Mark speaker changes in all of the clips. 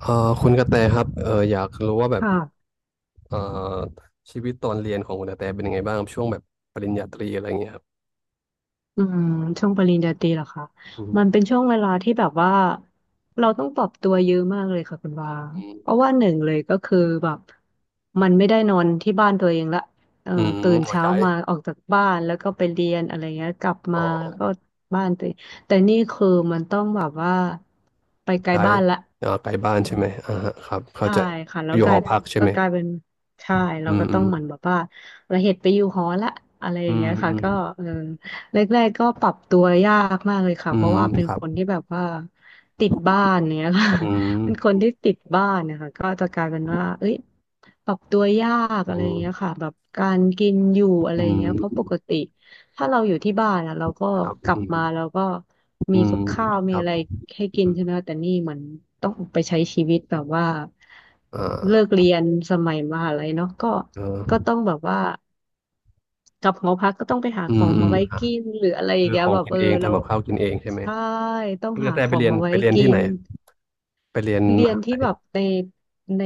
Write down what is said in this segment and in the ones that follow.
Speaker 1: คุณกระแตครับอยากรู้ว่าแบบ
Speaker 2: ค่ะ
Speaker 1: เอ่อชีวิตตอนเรียนของคุณกระแตเป็นยังไงบ้างครับช่วงแบบปริญญาตรีอะไรเงี้ยครับ
Speaker 2: อืมช่วงปริญญาตรีเหรอคะ
Speaker 1: อื
Speaker 2: มัน
Speaker 1: ม
Speaker 2: เป็นช่วงเวลาที่แบบว่าเราต้องปรับตัวเยอะมากเลยค่ะคุณวา
Speaker 1: อื
Speaker 2: เพราะ
Speaker 1: ม
Speaker 2: ว่าหนึ่งเลยก็คือแบบมันไม่ได้นอนที่บ้านตัวเองละเอ่อ
Speaker 1: อืม
Speaker 2: ตื่น
Speaker 1: อ๋อ
Speaker 2: เช้า
Speaker 1: ย้าย
Speaker 2: มาออกจากบ้านแล้วก็ไปเรียนอะไรเงี้ยกลับ
Speaker 1: อ๋
Speaker 2: มา
Speaker 1: อ
Speaker 2: แล้วก็บ้านตัวเองแต่นี่คือมันต้องแบบว่าไปไกล
Speaker 1: ย้าย
Speaker 2: บ้านละ
Speaker 1: อ่าไกลบ้านใช่ไหมอ่าฮะครับเข้า
Speaker 2: ใช่
Speaker 1: ใจ
Speaker 2: ค่ะแล้ว
Speaker 1: อยู่
Speaker 2: ก
Speaker 1: ห
Speaker 2: ลา
Speaker 1: อ
Speaker 2: ย
Speaker 1: พักใช่
Speaker 2: ก็
Speaker 1: ไหม
Speaker 2: กลายเป็นใช่เรา
Speaker 1: อืม
Speaker 2: ก็
Speaker 1: อื
Speaker 2: ต้อ
Speaker 1: ม
Speaker 2: งเหมือนแบบว่าเราเหตุไปอยู่หอละอะไรอ
Speaker 1: อื
Speaker 2: ย่างเงี้
Speaker 1: ม
Speaker 2: ยค่ะ
Speaker 1: อืม
Speaker 2: ก็เออแรกๆก็ปรับตัวยากมากเลยค่ะ
Speaker 1: อื
Speaker 2: เพ
Speaker 1: ม
Speaker 2: ราะว่าเป็น
Speaker 1: ครั
Speaker 2: ค
Speaker 1: บ
Speaker 2: นที่แบบว่าติดบ้านเนี้ยค่ะ
Speaker 1: อื
Speaker 2: เป็นคน
Speaker 1: ม
Speaker 2: ที่ติดบ้านเนะคะก็จะกลายเป็นว่าเอ้ยปรับตัวยาก
Speaker 1: อื
Speaker 2: อะไรอย่าง
Speaker 1: ม
Speaker 2: เงี้ยค่ะแบบการกินอยู่อะไร
Speaker 1: อื
Speaker 2: อย่างเงี้ยเพราะป
Speaker 1: ม
Speaker 2: กติ ถ้าเราอยู่ที่บ้านอะเราก็
Speaker 1: ครับ
Speaker 2: ก
Speaker 1: อื
Speaker 2: ลับ
Speaker 1: ม
Speaker 2: มาเราก็
Speaker 1: อื
Speaker 2: มี
Speaker 1: ม
Speaker 2: กับข้าว
Speaker 1: ค
Speaker 2: มี
Speaker 1: รับ
Speaker 2: อะไรให้กิน
Speaker 1: อืม
Speaker 2: ใช่ไหมคะแต่นี่เหมือนต้องออกไปใช้ชีวิตแบบว่า
Speaker 1: อ
Speaker 2: เลิ
Speaker 1: ่า
Speaker 2: กเรียนสมัยมหาลัยเนาะก็ก็
Speaker 1: เออ
Speaker 2: ต้องแบบว่ากลับหอพักก็ต้องไปหาข
Speaker 1: อื
Speaker 2: อ
Speaker 1: ม
Speaker 2: ง
Speaker 1: อื
Speaker 2: มา
Speaker 1: ม
Speaker 2: ไว้
Speaker 1: อ่ะ
Speaker 2: กินหรืออะไรอย่า
Speaker 1: คื
Speaker 2: ง
Speaker 1: อ
Speaker 2: เงี้
Speaker 1: ข
Speaker 2: ย
Speaker 1: อง
Speaker 2: แบบ
Speaker 1: กิน
Speaker 2: เออ
Speaker 1: เอง
Speaker 2: แล้ว
Speaker 1: ทำกับข้าวกินเองใช่ไหม
Speaker 2: ใช่ต้อง
Speaker 1: คุณก
Speaker 2: หา
Speaker 1: ระแต
Speaker 2: ข
Speaker 1: ไป
Speaker 2: อง
Speaker 1: เรียน
Speaker 2: มาไว้
Speaker 1: ไปเรียน
Speaker 2: กิ
Speaker 1: ที่ไหน
Speaker 2: น
Speaker 1: ไปเรียน
Speaker 2: เรี
Speaker 1: ม
Speaker 2: ยน
Speaker 1: หา
Speaker 2: ที่
Speaker 1: ลัย
Speaker 2: แบบในใน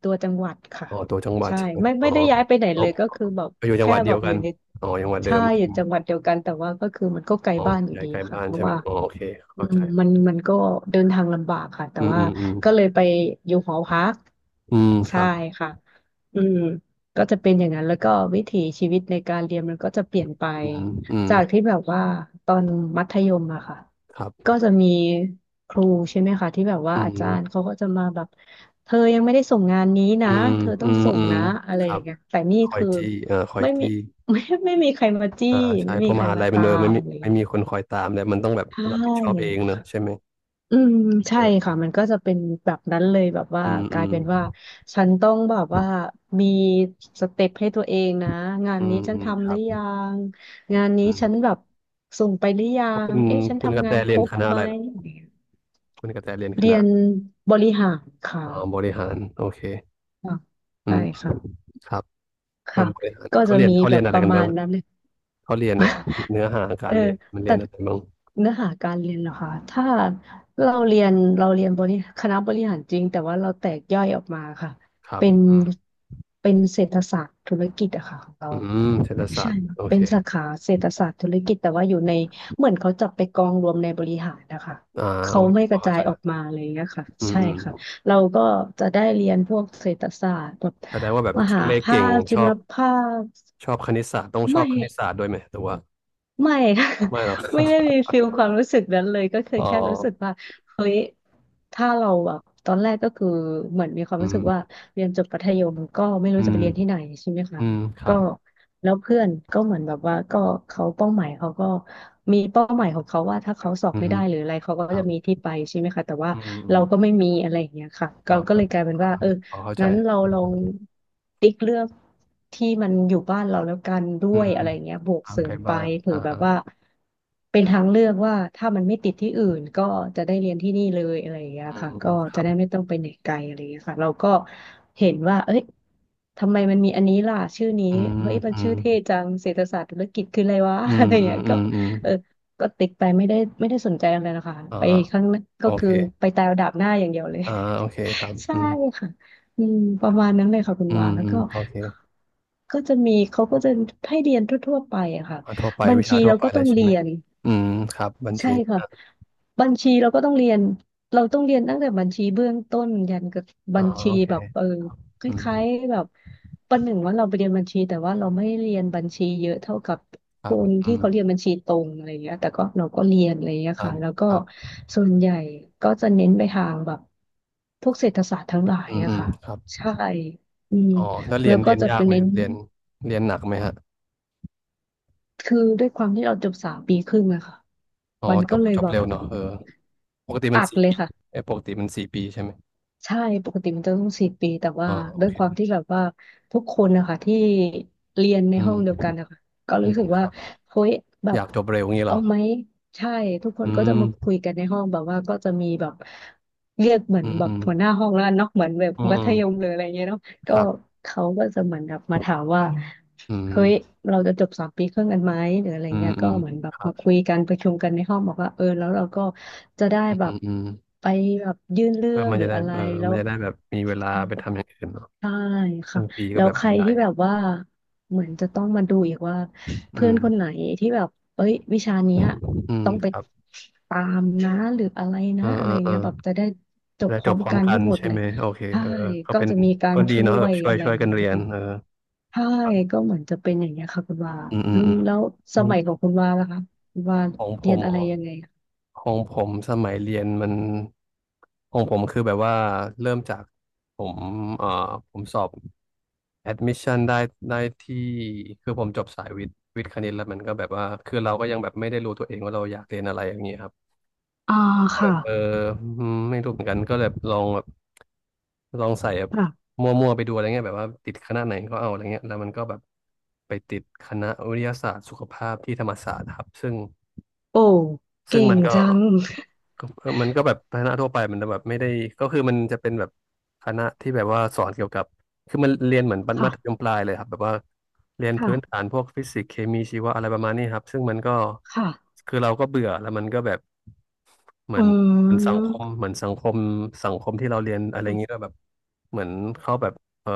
Speaker 2: ตัวจังหวัดค่ะ
Speaker 1: อ๋อตัวจังหวัด
Speaker 2: ใช่
Speaker 1: ใช่ไหม
Speaker 2: ไม่
Speaker 1: อ๋อ
Speaker 2: ไม่ได้ย้ายไปไหน
Speaker 1: อ๋อ
Speaker 2: เลยก็คือแบบ
Speaker 1: อยู่จัง
Speaker 2: แค่
Speaker 1: หวัด
Speaker 2: แบ
Speaker 1: เดีย
Speaker 2: บ
Speaker 1: ว
Speaker 2: อ
Speaker 1: กั
Speaker 2: ยู่
Speaker 1: น
Speaker 2: ใน
Speaker 1: อ๋อจังหวัดเดิ
Speaker 2: ใช่
Speaker 1: ม
Speaker 2: อยู่จังหวัดเดียวกันแต่ว่าก็คือมันก็ไกล
Speaker 1: อ๋อ
Speaker 2: บ้านอยู่
Speaker 1: ใหญ่
Speaker 2: ดี
Speaker 1: ใกล้
Speaker 2: อะค่ะ
Speaker 1: บ้าน
Speaker 2: เพราะ
Speaker 1: ใช่ไหม
Speaker 2: ว่า
Speaker 1: อ๋อโอเค
Speaker 2: อื
Speaker 1: เข้า
Speaker 2: ม
Speaker 1: ใจ
Speaker 2: มันก็เดินทางลำบากค่ะแต่
Speaker 1: อืม
Speaker 2: ว่า
Speaker 1: อืมอืม
Speaker 2: ก็เลยไปอยู่หอพัก
Speaker 1: อืมค
Speaker 2: ใช่
Speaker 1: รับ
Speaker 2: ค่ะอืมก็จะเป็นอย่างนั้นแล้วก็วิถีชีวิตในการเรียนมันก็จะเปลี่ยนไป
Speaker 1: อืมอืม
Speaker 2: จากที่แบบว่าตอนมัธยมอะค่ะ
Speaker 1: ครับ
Speaker 2: ก็จะมีครูใช่ไหมคะที่แบบว่า
Speaker 1: อื
Speaker 2: อาจารย์
Speaker 1: ม
Speaker 2: เขาก็จะมาแบบเธอยังไม่ได้ส่งงานนี้
Speaker 1: อื
Speaker 2: นะ
Speaker 1: ม
Speaker 2: เธอต้
Speaker 1: อื
Speaker 2: อง
Speaker 1: ม
Speaker 2: ส่ง
Speaker 1: อืม
Speaker 2: นะอะไร
Speaker 1: ค
Speaker 2: อ
Speaker 1: รั
Speaker 2: ย่า
Speaker 1: บ
Speaker 2: งเงี้ยแต่นี่
Speaker 1: คอย
Speaker 2: คือ
Speaker 1: จี้คอย
Speaker 2: ไม่มี
Speaker 1: จี้
Speaker 2: ไม่ไม่มีใครมาจี้
Speaker 1: อ่าใช่
Speaker 2: ไม่
Speaker 1: เพ
Speaker 2: มี
Speaker 1: ราะ
Speaker 2: ใค
Speaker 1: ม
Speaker 2: ร
Speaker 1: หา
Speaker 2: มา
Speaker 1: ลัยมัน
Speaker 2: ตา
Speaker 1: เออไม่
Speaker 2: ม
Speaker 1: มี
Speaker 2: เลย
Speaker 1: ไม่มีคนคอยตามแล้วมันต้องแบบรับผิดช
Speaker 2: ใช่
Speaker 1: อบเองเนอะใช่ไหม
Speaker 2: อืมใช่
Speaker 1: เออ
Speaker 2: ค่ะมันก็จะเป็นแบบนั้นเลยแบบว่า
Speaker 1: อืม
Speaker 2: ก
Speaker 1: อื
Speaker 2: ลาย
Speaker 1: ม
Speaker 2: เป็นว่าฉันต้องแบบว่ามีสเต็ปให้ตัวเองนะงาน
Speaker 1: อื
Speaker 2: นี้
Speaker 1: ม
Speaker 2: ฉัน
Speaker 1: อืมค
Speaker 2: ทำห
Speaker 1: รั
Speaker 2: รื
Speaker 1: บ
Speaker 2: อยังงานนี้
Speaker 1: อื
Speaker 2: ฉัน
Speaker 1: ม
Speaker 2: แบบส่งไปหรือยั
Speaker 1: แล้วคุ
Speaker 2: ง
Speaker 1: ณ
Speaker 2: เอ๊ะฉัน
Speaker 1: คุณกระ
Speaker 2: ทำ
Speaker 1: แต
Speaker 2: งานค
Speaker 1: เรีย
Speaker 2: ร
Speaker 1: น
Speaker 2: บ
Speaker 1: คณะ
Speaker 2: ไห
Speaker 1: อะ
Speaker 2: ม
Speaker 1: ไรล่ะคุณกระแตเรียนค
Speaker 2: เรี
Speaker 1: ณะ
Speaker 2: ยนบริหารค่ะ
Speaker 1: อ๋อบริหารโอเค
Speaker 2: อ่ะ
Speaker 1: อื
Speaker 2: ใช่
Speaker 1: ม
Speaker 2: ค่ะ
Speaker 1: ครับเพิ่
Speaker 2: ค่ะ
Speaker 1: มบริหาร
Speaker 2: ก็
Speaker 1: เขา
Speaker 2: จะ
Speaker 1: เรียน
Speaker 2: มี
Speaker 1: เขา
Speaker 2: แบ
Speaker 1: เรียน
Speaker 2: บ
Speaker 1: อะ
Speaker 2: ป
Speaker 1: ไร
Speaker 2: ระ
Speaker 1: กัน
Speaker 2: มา
Speaker 1: บ้า
Speaker 2: ณ
Speaker 1: งครับ
Speaker 2: นั้นเลย
Speaker 1: เขาเรียนแบบเนื้อหากา
Speaker 2: เออ
Speaker 1: รเรียนมันเรี
Speaker 2: แต่
Speaker 1: ยนอะไรบ้าง
Speaker 2: เนื้อหาการเรียนเหรอคะถ้าเราเรียนเราเรียนบริคณะบริหารจริงแต่ว่าเราแตกย่อยออกมาค่ะ
Speaker 1: ครับ
Speaker 2: เป็นเป็นเศรษฐศาสตร์ธุรกิจอะค่ะของเรา
Speaker 1: อืมเศรษฐศาส
Speaker 2: ใช่
Speaker 1: ตร์โอ
Speaker 2: เป็
Speaker 1: เค
Speaker 2: นสาขาเศรษฐศาสตร์ธุรกิจแต่ว่าอยู่ในเหมือนเขาจับไปกองรวมในบริหารนะคะ
Speaker 1: อ่าโอ
Speaker 2: เขา
Speaker 1: เค
Speaker 2: ไม่
Speaker 1: พ
Speaker 2: ก
Speaker 1: อ
Speaker 2: ระ
Speaker 1: เข้า
Speaker 2: จา
Speaker 1: ใจ
Speaker 2: ยอ
Speaker 1: ค
Speaker 2: อ
Speaker 1: รั
Speaker 2: ก
Speaker 1: บ
Speaker 2: มาเลยนะคะ
Speaker 1: อืม
Speaker 2: ใช่
Speaker 1: อืม
Speaker 2: ค่ะเราก็จะได้เรียนพวกเศรษฐศาสตร์แบบ
Speaker 1: แสดงว่าแบบ
Speaker 2: ม
Speaker 1: คิ
Speaker 2: หา
Speaker 1: ดเลข
Speaker 2: ภา
Speaker 1: เก่ง
Speaker 2: ค
Speaker 1: ช
Speaker 2: จุ
Speaker 1: อ
Speaker 2: ล
Speaker 1: บ
Speaker 2: ภาค
Speaker 1: ชอบคณิตศาสตร์ต้องช
Speaker 2: ไม่
Speaker 1: อบคณิตศาสตร์ด้วยไหมหรือว่า
Speaker 2: ไม่ค่ะ
Speaker 1: ไม่หรอก
Speaker 2: ไม่ได้ มีฟิลความรู้สึกนั้นเลยก็คือ
Speaker 1: อ๋อ
Speaker 2: แค่รู้สึกว่าเฮ้ยถ้าเราแบบตอนแรกก็คือเหมือนมีความ
Speaker 1: อื
Speaker 2: รู้สึกว่า
Speaker 1: ม
Speaker 2: เรียนจบมัธยมก็ไม่รู้
Speaker 1: อื
Speaker 2: จะไป
Speaker 1: ม
Speaker 2: เรียนที่ไหนใช่ไหมคะ
Speaker 1: อืมครั
Speaker 2: ก็
Speaker 1: บ
Speaker 2: แล้วเพื่อนก็เหมือนแบบว่าก็เขาเป้าหมายเขาก็มีเป้าหมายของเขาว่าถ้าเขาสอบ
Speaker 1: อื
Speaker 2: ไม่
Speaker 1: ม
Speaker 2: ได้หรืออะไรเขาก็
Speaker 1: ครั
Speaker 2: จะ
Speaker 1: บ
Speaker 2: มีที่ไปใช่ไหมคะแต่ว่า
Speaker 1: อืมอืม
Speaker 2: เราก็ไม่มีอะไรอย่างเงี้ยค่ะ
Speaker 1: อ่า
Speaker 2: เราก็เล
Speaker 1: อ่า
Speaker 2: ยกลายเป็นว่าเออ
Speaker 1: พอเข้าใจ
Speaker 2: งั้นเราลองติ๊กเลือกที่มันอยู่บ้านเราแล้วกันด้
Speaker 1: อื
Speaker 2: วย
Speaker 1: ม
Speaker 2: อะไรเงี้ยบวก
Speaker 1: ทาง
Speaker 2: เสริ
Speaker 1: ไกล
Speaker 2: มไป
Speaker 1: บ้าน
Speaker 2: เผื่
Speaker 1: อ่า
Speaker 2: อแบบ
Speaker 1: ฮะ
Speaker 2: ว่าเป็นทางเลือกว่าถ้ามันไม่ติดที่อื่นก็จะได้เรียนที่นี่เลยอะไรอย่างเงี้ย
Speaker 1: อืม
Speaker 2: ค่ะ
Speaker 1: อื
Speaker 2: ก็
Speaker 1: มค
Speaker 2: จะ
Speaker 1: รับ
Speaker 2: ได้ไม่ต้องไปไหนไกลอะไรอย่างเงี้ยค่ะเราก็เห็นว่าเอ้ยทำไมมันมีอันนี้ล่ะชื่อนี้
Speaker 1: อืม
Speaker 2: เฮ้ยมัน
Speaker 1: อื
Speaker 2: ชื่
Speaker 1: ม
Speaker 2: อเท่จังเศรษฐศาสตร์ธุรกิจคืออะไรวะ
Speaker 1: อื
Speaker 2: อะ
Speaker 1: ม
Speaker 2: ไรอย่าง
Speaker 1: อื
Speaker 2: เงี้
Speaker 1: ม
Speaker 2: ย
Speaker 1: อื
Speaker 2: ก็
Speaker 1: มอืม
Speaker 2: เออก็ติ๊กไปไม่ได้สนใจอะไรนะคะ
Speaker 1: อ่า
Speaker 2: ไปข้างหน้า
Speaker 1: โอ
Speaker 2: ก็คื
Speaker 1: เค
Speaker 2: อไปตายเอาดาบหน้าอย่างเดียวเลย
Speaker 1: อ่าโอเคครับ
Speaker 2: ใช่
Speaker 1: อืม
Speaker 2: ค่ะอืมประมาณนั้นเลยค่ะคุณ
Speaker 1: อื
Speaker 2: วา
Speaker 1: ม
Speaker 2: แล้ว
Speaker 1: อืม
Speaker 2: ก็
Speaker 1: โอเค
Speaker 2: ก็จะมี เขาก็จะให้เรียนทั่วๆไปอะค่ะ
Speaker 1: อ่าทั่วไป
Speaker 2: บัญ
Speaker 1: วิ
Speaker 2: ชี
Speaker 1: ชาทั่ว
Speaker 2: เรา
Speaker 1: ไป
Speaker 2: ก็
Speaker 1: เล
Speaker 2: ต้อ
Speaker 1: ย
Speaker 2: ง
Speaker 1: ใช่
Speaker 2: เรี
Speaker 1: ไหม
Speaker 2: ยน
Speaker 1: อืมครับบัญ
Speaker 2: ใช่
Speaker 1: ชี
Speaker 2: ค่ะบัญชีเราก็ต้องเรียนเราต้องเรียนตั้งแต่บัญชีเบื้องต้นยันกับ
Speaker 1: อ๋
Speaker 2: บั
Speaker 1: อ
Speaker 2: ญชี
Speaker 1: โอเค
Speaker 2: แบบเออค
Speaker 1: อืมอื
Speaker 2: ล้า
Speaker 1: ม
Speaker 2: ยๆแบบประหนึ่งว่าเราไปเรียนบัญชีแต่ว่าเราไม่เรียนบัญชีเยอะเท่ากับ
Speaker 1: ค
Speaker 2: ค
Speaker 1: รับ
Speaker 2: นที่
Speaker 1: อืม
Speaker 2: เขาเรียนบัญชีตรงอะไรอย่างเงี้ยแต่ก็เราก็เรียนอะไรอย่างเงี้ย
Speaker 1: ครั
Speaker 2: ค่ะ
Speaker 1: บ
Speaker 2: แล้วก็
Speaker 1: ครับ
Speaker 2: ส่วนใหญ่ก็จะเน้นไปทางแบบพวกเศรษฐศาสตร์ทั้งหลาย
Speaker 1: อืม
Speaker 2: อะ
Speaker 1: อืม
Speaker 2: ค่ะ
Speaker 1: ครับ
Speaker 2: ใช่อืม
Speaker 1: อ๋อแล้วเรี
Speaker 2: แล้
Speaker 1: ย
Speaker 2: ว
Speaker 1: น
Speaker 2: ก็
Speaker 1: เรียน
Speaker 2: จะ
Speaker 1: ยา
Speaker 2: เป็
Speaker 1: ก
Speaker 2: น
Speaker 1: ไหม
Speaker 2: เน้
Speaker 1: ค
Speaker 2: น
Speaker 1: รับเรียนเรียนหนักไหมฮะ
Speaker 2: คือด้วยความที่เราจบ3 ปีครึ่งอะค่ะ
Speaker 1: อ๋อ
Speaker 2: มัน
Speaker 1: จ
Speaker 2: ก็
Speaker 1: บ
Speaker 2: เลย
Speaker 1: จบ
Speaker 2: แบบ
Speaker 1: เร็วเนอะเออปกติมั
Speaker 2: อั
Speaker 1: น
Speaker 2: ด
Speaker 1: สี่
Speaker 2: เลย
Speaker 1: ปี
Speaker 2: ค่ะ
Speaker 1: เอ้ยปกติมันสี่ปีใช่ไหม
Speaker 2: ใช่ปกติมันจะต้องสี่ปีแต่ว่า
Speaker 1: อ๋อโอ
Speaker 2: ด้วย
Speaker 1: เค
Speaker 2: ความที่แบบว่าทุกคนนะคะที่เรียนใน
Speaker 1: อื
Speaker 2: ห้องเดียว
Speaker 1: ม
Speaker 2: กันนะคะก็
Speaker 1: อื
Speaker 2: รู้
Speaker 1: ม
Speaker 2: สึก
Speaker 1: ค
Speaker 2: ว่า
Speaker 1: รับ
Speaker 2: เฮ้ยแบ
Speaker 1: อ
Speaker 2: บ
Speaker 1: ยากจบเร็วงี้เหร
Speaker 2: เอา
Speaker 1: อ
Speaker 2: ไหมใช่ทุกค
Speaker 1: อื
Speaker 2: นก็จะมาคุ
Speaker 1: ม
Speaker 2: ยกันในห้องแบบว่าก็จะมีแบบเรียกเหมือน
Speaker 1: อืม
Speaker 2: แบ
Speaker 1: อื
Speaker 2: บ
Speaker 1: ม
Speaker 2: หัวหน้าห้องแล้วกันเนาะเหมือนแบบ
Speaker 1: อืม
Speaker 2: มั
Speaker 1: อื
Speaker 2: ธ
Speaker 1: ม
Speaker 2: ยมหรืออะไรเงี้ยเนาะก็
Speaker 1: ครับ
Speaker 2: เขาก็จะเหมือนแบบมาถามว่า
Speaker 1: อื
Speaker 2: เฮ้ย
Speaker 1: ม
Speaker 2: เราจะจบสามปีครึ่งกันไหมหรืออะไร
Speaker 1: อืม
Speaker 2: เงี้ย
Speaker 1: อื
Speaker 2: ก็
Speaker 1: ม
Speaker 2: เหมือนแบบ
Speaker 1: ครับ
Speaker 2: มาคุยกันประชุมกันในห้องบอกว่าเออแล้วเราก็จะได้
Speaker 1: อื
Speaker 2: แบบ
Speaker 1: มอืม
Speaker 2: ไปแบบยื่นเรื่
Speaker 1: เออ
Speaker 2: อง
Speaker 1: มัน
Speaker 2: หรือ
Speaker 1: จะได้
Speaker 2: อะไร
Speaker 1: เออ
Speaker 2: แล้
Speaker 1: มั
Speaker 2: ว
Speaker 1: นจะได้แบบมีเวลาไปทำอย่างอื่นเนาะ
Speaker 2: ใช่
Speaker 1: ค
Speaker 2: ค่ะ
Speaker 1: รึ่งปีก็
Speaker 2: แล้ว
Speaker 1: แบบ
Speaker 2: ใคร
Speaker 1: เวลา
Speaker 2: ที่
Speaker 1: เย
Speaker 2: แบ
Speaker 1: อะ
Speaker 2: บว่าเหมือนจะต้องมาดูอีกว่า
Speaker 1: อื
Speaker 2: เพื่อน
Speaker 1: ม
Speaker 2: คนไหนที่แบบเอ้ยวิชาเนี้ย
Speaker 1: อืม
Speaker 2: ต้องไป
Speaker 1: ครับ
Speaker 2: ตามนะหรืออะไร
Speaker 1: เอ
Speaker 2: นะ
Speaker 1: อ
Speaker 2: อะ
Speaker 1: เอ
Speaker 2: ไร
Speaker 1: อเออ
Speaker 2: เงี้ยแบบจะได้จบ
Speaker 1: แล้
Speaker 2: พ
Speaker 1: วจ
Speaker 2: ร้อ
Speaker 1: บ
Speaker 2: ม
Speaker 1: พร้อม
Speaker 2: กัน
Speaker 1: กั
Speaker 2: ให้
Speaker 1: น
Speaker 2: หมด
Speaker 1: ใช่
Speaker 2: เลย
Speaker 1: ไหมโอเค
Speaker 2: ใช่
Speaker 1: เออก็
Speaker 2: ก็
Speaker 1: เป็น
Speaker 2: จะมีการ
Speaker 1: ก็ดี
Speaker 2: ช่
Speaker 1: เนาะ
Speaker 2: ว
Speaker 1: แบบ
Speaker 2: ย
Speaker 1: ช่วย
Speaker 2: อะไร
Speaker 1: ช่วยกั
Speaker 2: เงี้
Speaker 1: น
Speaker 2: ย
Speaker 1: เรี
Speaker 2: ค่ะ
Speaker 1: ยนเออ
Speaker 2: ใช่ก็เหมือนจะเป็นอย่างเงี้ยค่ะคุณว่า
Speaker 1: อืมอื
Speaker 2: อื
Speaker 1: มอื
Speaker 2: ม
Speaker 1: ม
Speaker 2: แล้วส
Speaker 1: อืม
Speaker 2: มัยของคุณว่าล่ะคะคุณว่า
Speaker 1: ของผ
Speaker 2: เรียน
Speaker 1: ม
Speaker 2: อะไร
Speaker 1: อ๋อ
Speaker 2: ยังไงคะ
Speaker 1: ของผมสมัยเรียนมันของผมคือแบบว่าเริ่มจากผมเอ่อผมสอบ admission ได้ได้ที่คือผมจบสายวิทย์วิทย์คณิตแล้วมันก็แบบว่า คือเราก็ยังแบบไม่ได้รู้ตัวเองว่าเราอยากเรียนอะไรอย่างเงี้ยครับ
Speaker 2: อ่า
Speaker 1: แต่แบ
Speaker 2: ค่ะ
Speaker 1: บเอออืมไม่รู้เหมือนกันก็แบบลองแบบลองใส่แบบ
Speaker 2: ค่ะ
Speaker 1: มั่วๆไปดูอะไรเงี้ยแบบว่าติดคณะไหนก็เอาอะไรเงี้ยแล้วมันก็แบบไปติดคณะวิทยาศาสตร์สุขภาพที่ธรรมศาสตร์ครับซึ่ง
Speaker 2: โอ้
Speaker 1: ซึ่
Speaker 2: เก่
Speaker 1: งมั
Speaker 2: ง
Speaker 1: นก็
Speaker 2: จัง
Speaker 1: ก็เออมันก็แบบคณะทั่วไปมันแบบไม่ได้ก็คือมันจะเป็นแบบคณะที่แบบว่าสอนเกี่ยวกับคือมันเรียนเหมือนมั
Speaker 2: ค่ะ
Speaker 1: ธยมปลายเลยครับแบบว่าเรียน
Speaker 2: ค่ะ
Speaker 1: พื้นฐานพวกฟิสิกส์เคมีชีวะอะไรประมาณนี้ครับซึ่งมันก็
Speaker 2: ค่ะ
Speaker 1: คือเราก็เบื่อแล้วมันก็แบบเหมื
Speaker 2: อื
Speaker 1: อนเหมือนสังคม
Speaker 2: ม
Speaker 1: เหมือนสังคมสังคมที่เราเรียนอะไรอย่างนี้ด้วยแบบเหมือนเขาแบบเอ่อ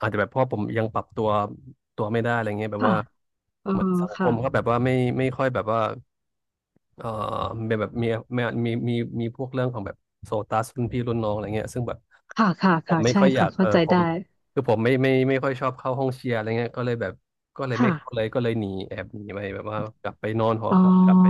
Speaker 1: อาจจะแบบเพราะผมยังปรับตัวไม่ได้อะไรเงี้ยแบบ
Speaker 2: ค่ะ
Speaker 1: ว่า
Speaker 2: เออ
Speaker 1: เหมือนสังค
Speaker 2: ค่ะ
Speaker 1: มก็แบบว่าไม่ไม่ค่อยแบบว่า เอ่อมเป็นแบบมีมีมีพวกเรื่องของแบบโซตัสรุ่นพี่รุ่นน้องอะไรเงี้ยซึ่งแบบ
Speaker 2: ค่ะค่ะ
Speaker 1: ผม
Speaker 2: ค่ะ
Speaker 1: ไม่
Speaker 2: ใช่
Speaker 1: ค่อยอยา
Speaker 2: ค่ะ
Speaker 1: กเอ
Speaker 2: เข้า
Speaker 1: อ
Speaker 2: ใจ
Speaker 1: ผ
Speaker 2: ได้
Speaker 1: มคือผมไม่ค่อยชอบเข้าห้องเชียร์อะไรเงี้ยก็เลยแบบก็เลย
Speaker 2: ค่ะ
Speaker 1: ไม่เข้าเลยก็เลยหนีแอบหนีไปแบบว่ากลับไปนอนหอ
Speaker 2: อ๋อ
Speaker 1: พักกลับไป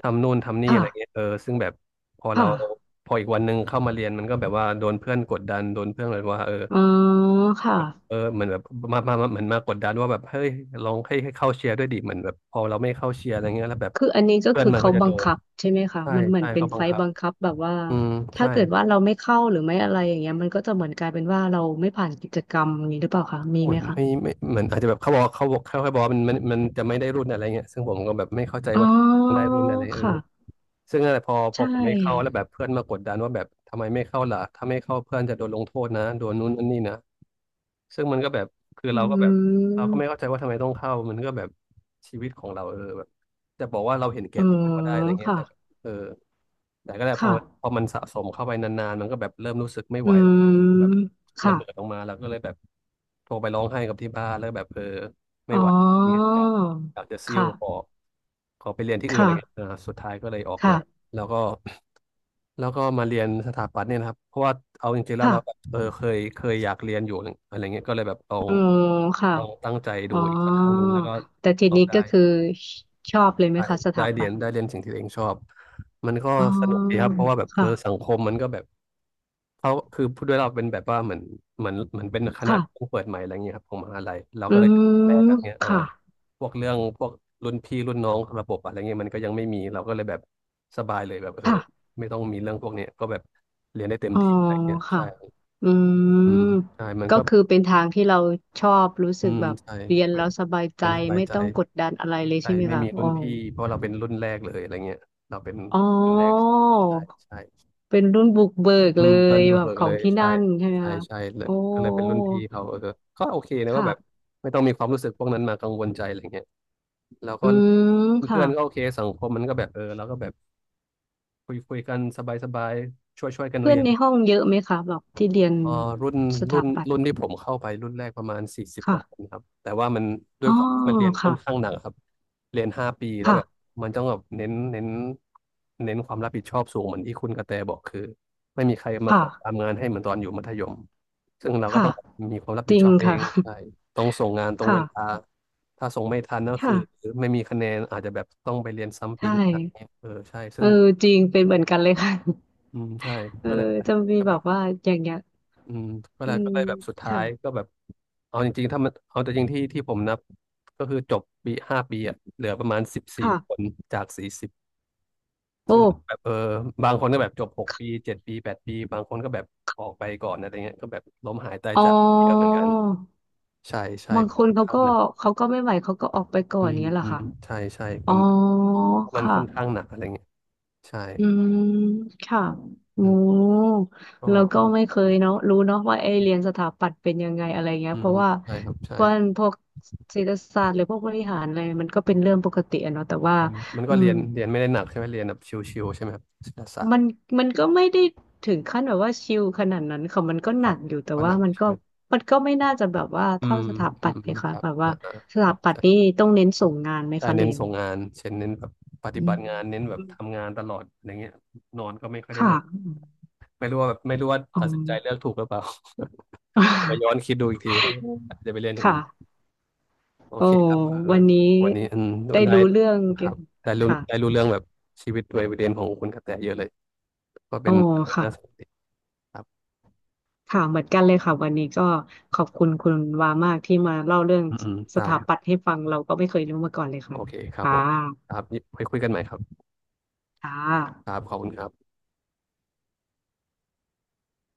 Speaker 1: ทำนู่นทำนี่
Speaker 2: ค่ะ
Speaker 1: อะไรเงี้ยเออซึ่งแบบพอเรา
Speaker 2: ค่ะ
Speaker 1: พออีกวันหนึ่งเข้ามาเรียนมันก็แบบว่าโดนเพื่อนกดดันโดนเพื่อนแบบว่าเออ
Speaker 2: อ๋อค่ะ
Speaker 1: เออเหมือนแบบมาเหมือนมากดดันว่าแบบเฮ้ยลองให้เข้าเชียร์ด้วยดิเหมือนแบบพอเราไม่เข้าเชียร์อะไรเงี้ยแล้วแบบ
Speaker 2: คืออันนี้ก็
Speaker 1: เพื่อน
Speaker 2: คือ
Speaker 1: มัน
Speaker 2: เขา
Speaker 1: ก็จะ
Speaker 2: บั
Speaker 1: โด
Speaker 2: ง
Speaker 1: น
Speaker 2: คับใช่ไหมคะ
Speaker 1: ใช่
Speaker 2: มันเหมือ
Speaker 1: ใช่
Speaker 2: นเป็น
Speaker 1: เขาบั
Speaker 2: ไฟ
Speaker 1: ง
Speaker 2: ล์
Speaker 1: คับ
Speaker 2: บังคับแบบว่า
Speaker 1: อืม
Speaker 2: ถ้า
Speaker 1: ใช่
Speaker 2: เกิดว่าเราไม่เข้าหรือไม่อะไรอย่างเงี้ยมันก็จะเหมือนกลายเป็นว่าเราไม่ผ่านกิจกรรมอย่างนี้หรือเปล่าคะมี
Speaker 1: เห
Speaker 2: ไห
Speaker 1: มื
Speaker 2: ม
Speaker 1: อน
Speaker 2: คะ
Speaker 1: ไม่เหมือนอาจจะแบบเขาแค่บอกว่ามันจะไม่ได้รุ่นอะไรเงี้ยซึ่งผมก็แบบไม่เข้าใจ
Speaker 2: อ๋อ
Speaker 1: ว่าต้องได้รุ่นอะไรเออ
Speaker 2: ค่ะ
Speaker 1: ซึ่งอะไรพอพ
Speaker 2: ใช่
Speaker 1: อผมไม่เข้าแล้วแบบเพื่อนมากดดันว่าแบบทำไมไม่เข้าล่ะถ้าไม่เข้าเพื่อนจะโดนลงโทษนะโดนนู้นนั่นนี่นะซึ่งมันก็แบบคือ
Speaker 2: อื
Speaker 1: เราก็แบบเราก็ไม่เข้าใจ
Speaker 2: ม
Speaker 1: ว่าทำไมต้องเข้ามันก็แบบชีวิตของเราเออแบบจะบอกว่าเราเห็นแก่
Speaker 2: อ๋อ
Speaker 1: ตัวก็ได้อะไรเงี้ย
Speaker 2: ค่ะ
Speaker 1: แต่แบบเออแต่ก็แหละ
Speaker 2: ค่ะ
Speaker 1: พอมันสะสมเข้าไปนานๆมันก็แบบเริ่มรู้สึกไม่
Speaker 2: อื
Speaker 1: ไหวแล้วแบบ
Speaker 2: ม
Speaker 1: ระ
Speaker 2: ค่ะ
Speaker 1: เบิดออกมาแล้วก็เลยแบบโทรไปร้องไห้กับที่บ้านแล้วแบบเออไม่
Speaker 2: อ๋อ
Speaker 1: ไหวอยากอยากจะซิ่วขอ
Speaker 2: ค่ะ
Speaker 1: ขอไปเรียนที่อื่นอะ
Speaker 2: ค่ะ
Speaker 1: ไรเงี้ยสุดท้ายก็เลยออกมา
Speaker 2: ค่ะ
Speaker 1: แล้วก็แล้วก็มาเรียนสถาปัตย์เนี่ยนะครับเพราะว่าเอาจริงๆแล้ว
Speaker 2: ค่ะ
Speaker 1: เราแบบเออเคยอยากเรียนอยู่อะไรเงี้ยก็เลยแบบลอง
Speaker 2: อ๋อค่ะ
Speaker 1: ลองตั้งใจ
Speaker 2: อ๋
Speaker 1: ดู
Speaker 2: อ
Speaker 1: อีกสักครั้งหนึ่งแล้วก็
Speaker 2: แต่ที
Speaker 1: สอบ
Speaker 2: นี้
Speaker 1: ได้
Speaker 2: ก็คือชอบเลยไหม
Speaker 1: ได้
Speaker 2: คะส
Speaker 1: ได้
Speaker 2: ถา
Speaker 1: เรี
Speaker 2: ปั
Speaker 1: ย
Speaker 2: ต
Speaker 1: น
Speaker 2: ย์
Speaker 1: ได้เรียนสิ่งที่ตัวเองชอบมันก็
Speaker 2: อ๋อ
Speaker 1: สนุกดีครับเพราะว่าแบบเออสั
Speaker 2: ค่ะ
Speaker 1: งคมมันก็แบบเขาคือพูดด้วยเราเป็นแบบว่าเหมือนเป็นคณะที่
Speaker 2: ค่ะ
Speaker 1: เพิ่งเปิดใหม่อะไรเงี้ยครับของมหาลัยเรา
Speaker 2: อื
Speaker 1: ก็เลยแรก
Speaker 2: ม
Speaker 1: อะไรเงี้ย
Speaker 2: ค่ะ
Speaker 1: พวกเรื่องพวกรุ่นพี่รุ่นน้องระบบอะไรเงี้ยมันก็ยังไม่มีเราก็เลยแบบสบายเลยแบบเออ
Speaker 2: ค่ะ
Speaker 1: ไม่ต้องมีเรื่องพวกเนี้ยก็แบบเรียนได้เต็ม
Speaker 2: อ๋อ
Speaker 1: ที่อะไรเงี้ย
Speaker 2: ค่ะ
Speaker 1: ใช่
Speaker 2: อื
Speaker 1: อืม
Speaker 2: ม
Speaker 1: ใช่มัน
Speaker 2: ก็
Speaker 1: ก็
Speaker 2: คือเป็นทางที่เราชอบรู้
Speaker 1: อื
Speaker 2: สึก
Speaker 1: ม
Speaker 2: แบบ
Speaker 1: ใช่
Speaker 2: เรียนแล้วสบายใจ
Speaker 1: เรียนสบาย
Speaker 2: ไม่
Speaker 1: ใจ
Speaker 2: ต้องกดดันอะไรเลย
Speaker 1: ใช่
Speaker 2: ใช่ไหม
Speaker 1: ไม่
Speaker 2: คะ
Speaker 1: มีรุ่
Speaker 2: อ๋อ
Speaker 1: นพี่เพราะเราเป็นรุ่นแรกเลยอะไรเงี้ยเราเป็น
Speaker 2: อ๋อ
Speaker 1: รุ่นแรกใช่ใช่
Speaker 2: เป็นรุ่นบุกเบิก
Speaker 1: อื
Speaker 2: เล
Speaker 1: มดั
Speaker 2: ย
Speaker 1: นบุ
Speaker 2: แบ
Speaker 1: ก
Speaker 2: บ
Speaker 1: เบิก
Speaker 2: ขอ
Speaker 1: เล
Speaker 2: ง
Speaker 1: ย
Speaker 2: ที่
Speaker 1: ใช่
Speaker 2: นั่นใช่ไหม
Speaker 1: ใช่
Speaker 2: คะ
Speaker 1: ใช่เล
Speaker 2: โอ้
Speaker 1: ยก็เลยเป็นรุ่นพี่เขาเออก็โอเคนะว่าแบบ
Speaker 2: ค่ะ
Speaker 1: ไม่ต้องมีความรู้สึกพวกนั้นมากังวลใจอะไรเงี้ยแล้วก็
Speaker 2: อืมค่ะ
Speaker 1: เพื่อนๆก็โอเคสังคมมันก็แบบเออเราก็แบบคุยกันสบายสบายช่วยกัน
Speaker 2: เพื่
Speaker 1: เรี
Speaker 2: อน
Speaker 1: ยน
Speaker 2: ในห้องเยอะไหมคะแบบที่เรียน
Speaker 1: เอ่อรุ่น
Speaker 2: ส
Speaker 1: รุ่
Speaker 2: ถา
Speaker 1: น
Speaker 2: ปัต
Speaker 1: รุ่
Speaker 2: ย์
Speaker 1: นที่ผมเข้าไปรุ่นแรกประมาณสี่สิบกว่าคน
Speaker 2: ค่ะ
Speaker 1: ครับแต่ว่ามันด้
Speaker 2: อ๋
Speaker 1: ว
Speaker 2: อ
Speaker 1: ยความที่มันเรียนค่อนข้า
Speaker 2: ค่ะ
Speaker 1: งหนักครับเรียนห้าปีแล้ว
Speaker 2: ค่ะ
Speaker 1: แบบมันต้องแบบเน้นความรับผิดชอบสูงเหมือนที่คุณกระแตบอกคือไม่มีใครมา
Speaker 2: ค่ะ
Speaker 1: ขอทำงานให้เหมือนตอนอยู่มัธยมซึ่งเราก็
Speaker 2: ค่ะ
Speaker 1: ต้องมีความรับ
Speaker 2: จ
Speaker 1: ผิด
Speaker 2: ริ
Speaker 1: ช
Speaker 2: ง
Speaker 1: อบเอ
Speaker 2: ค่ะ
Speaker 1: งใช่ต้องส่งงานต รง
Speaker 2: ค่ะ
Speaker 1: เวลาถ้าส่งไม่ทันก็คื
Speaker 2: ค่ะ
Speaker 1: อไม่มีคะแนนอาจจะแบบต้องไปเรียนซ้ำปี
Speaker 2: ใช่
Speaker 1: หน้าเนี่ยเออใช่ซึ่
Speaker 2: เอ
Speaker 1: ง
Speaker 2: อจริงเป็นเหมือนกันเลยค่ะ
Speaker 1: อืมใช่
Speaker 2: เออ
Speaker 1: ก็เลยนั่นแหละ
Speaker 2: จะมี
Speaker 1: ก็
Speaker 2: แบ
Speaker 1: แบ
Speaker 2: บ
Speaker 1: บ
Speaker 2: ว่าอย่างเงี้ย
Speaker 1: อืมก็
Speaker 2: อื
Speaker 1: เลย
Speaker 2: ม
Speaker 1: ก็เลยแบบสุดท้าย
Speaker 2: ค่ะ
Speaker 1: ก็แบบเอาจริงๆถ้ามันเอาแต่จริงที่ที่ผมนับก็คือจบปีห้าปีอะเหลือประมาณ14
Speaker 2: ค่ะ
Speaker 1: คนจากสี่สิบ
Speaker 2: โอ้
Speaker 1: ซึ่งแบบเออบางคนก็แบบจบหกปีเจ็ดปีแปดปีบางคนก็แบบออกไปก่อนอะไรเงี้ยก็แบบล้มหายตาย
Speaker 2: อ๋อ
Speaker 1: จากเยอะเหมือนกันใช่ใช่
Speaker 2: บาง
Speaker 1: มั
Speaker 2: ค
Speaker 1: น
Speaker 2: น
Speaker 1: ค่อน
Speaker 2: เขา
Speaker 1: ข้าง
Speaker 2: ก็
Speaker 1: หนัก
Speaker 2: เขาก็ไม่ไหวเขาก็ออกไปก่อ
Speaker 1: อื
Speaker 2: น
Speaker 1: ม
Speaker 2: เนี้ยเหรอ
Speaker 1: อืม
Speaker 2: คะ
Speaker 1: ใช่ใช่ป
Speaker 2: อ๋อ
Speaker 1: ระมาณมัน
Speaker 2: ค่ะ
Speaker 1: ค่อนข้างหนักอะไรเงี้ยใช่
Speaker 2: อืมค่ะโอ้
Speaker 1: อืมก็
Speaker 2: แล้วก็ไม่เคยเนาะรู้เนาะว่าไอ้เรียนสถาปัตย์เป็นยังไงอะไรเงี้ย
Speaker 1: อื
Speaker 2: เพ
Speaker 1: ม
Speaker 2: ราะว่า
Speaker 1: ใช่ครับใช่
Speaker 2: พวกพวกเศรษฐศาสตร์หรือพวกบริหารอะไรมันก็เป็นเรื่องปกติอะเนาะแต่ว่า
Speaker 1: มัน
Speaker 2: อื
Speaker 1: ก็เรี
Speaker 2: ม
Speaker 1: ยนเรียนไม่ได้หนักใช่ไหมเรียนแบบชิวๆใช่ไหมครับศิลปศาสต
Speaker 2: มั
Speaker 1: ร์
Speaker 2: นมันก็ไม่ได้ถึงขั้นแบบว่าชิลขนาดนั้นค่ะมันก็ห
Speaker 1: ค
Speaker 2: นั
Speaker 1: รับ
Speaker 2: กอยู่แต่
Speaker 1: ว่าห
Speaker 2: ว่า
Speaker 1: นัก
Speaker 2: มัน
Speaker 1: ใช่
Speaker 2: ก็
Speaker 1: ไหม
Speaker 2: มันก็ไม่น่าจะแบบว่า
Speaker 1: อื
Speaker 2: เท่า
Speaker 1: ม
Speaker 2: สถา
Speaker 1: อื
Speaker 2: ปัต
Speaker 1: ม
Speaker 2: ย์เล
Speaker 1: อื
Speaker 2: ย
Speaker 1: มค
Speaker 2: ค่ะ
Speaker 1: รับ
Speaker 2: แบบว่า
Speaker 1: อ่าอ่า
Speaker 2: ส
Speaker 1: อ
Speaker 2: ถา
Speaker 1: อก
Speaker 2: ปัตย์นี่
Speaker 1: ใช่
Speaker 2: ต้องเน้นส่งงานไหม
Speaker 1: ใช่
Speaker 2: คะเรี
Speaker 1: เน้น
Speaker 2: ยน
Speaker 1: ส่ง
Speaker 2: เนี่ย
Speaker 1: งานเช่นเน้นแบบปฏิ
Speaker 2: อื
Speaker 1: บั
Speaker 2: ม
Speaker 1: ติงานเน้นแบบทำงานตลอดอะไรเงี้ยนอนก็ไม่ค่อยได้
Speaker 2: ค่ะ
Speaker 1: นอนไม่รู้ว่า
Speaker 2: อ๋อ
Speaker 1: ตัดสินใจเลือกถูกหรือเปล่า มาย้อนคิด ดูอีกทีอืมอาจจะไปเรียนอย่าง
Speaker 2: ค่ะ
Speaker 1: อื่นโอ
Speaker 2: โอ้
Speaker 1: เคครับเออ
Speaker 2: วันนี้
Speaker 1: วันนี้อืม
Speaker 2: ได้
Speaker 1: ได้
Speaker 2: รู้เรื่อง
Speaker 1: ค
Speaker 2: เกี่ย
Speaker 1: รั
Speaker 2: ว
Speaker 1: บได้รู้
Speaker 2: ค่ะ
Speaker 1: ได้รู้เรื่องแบบชีวิตวัยเรียนของคุณกระแตเยอะเลยก็
Speaker 2: โอ้
Speaker 1: เป็นเรื่องน่าส
Speaker 2: ค่ะ
Speaker 1: นใจครับ
Speaker 2: ค่ะเหมือนกันเลยค่ะวันนี้ก็ขอบคุณคุณวามากที่มาเล่าเรื่อง
Speaker 1: อืมอืม
Speaker 2: ส
Speaker 1: ได้
Speaker 2: ถา
Speaker 1: ครั
Speaker 2: ปัต
Speaker 1: บ
Speaker 2: ย์ให้ฟังเราก็ไม่เคยรู้มาก่อนเลย
Speaker 1: โอ
Speaker 2: ค่ะ
Speaker 1: เคครับ
Speaker 2: ค่
Speaker 1: ผม
Speaker 2: ะ
Speaker 1: ครับไว้คุยกันใหม่ครับ
Speaker 2: ค่ะ
Speaker 1: ครับขอบคุณครับ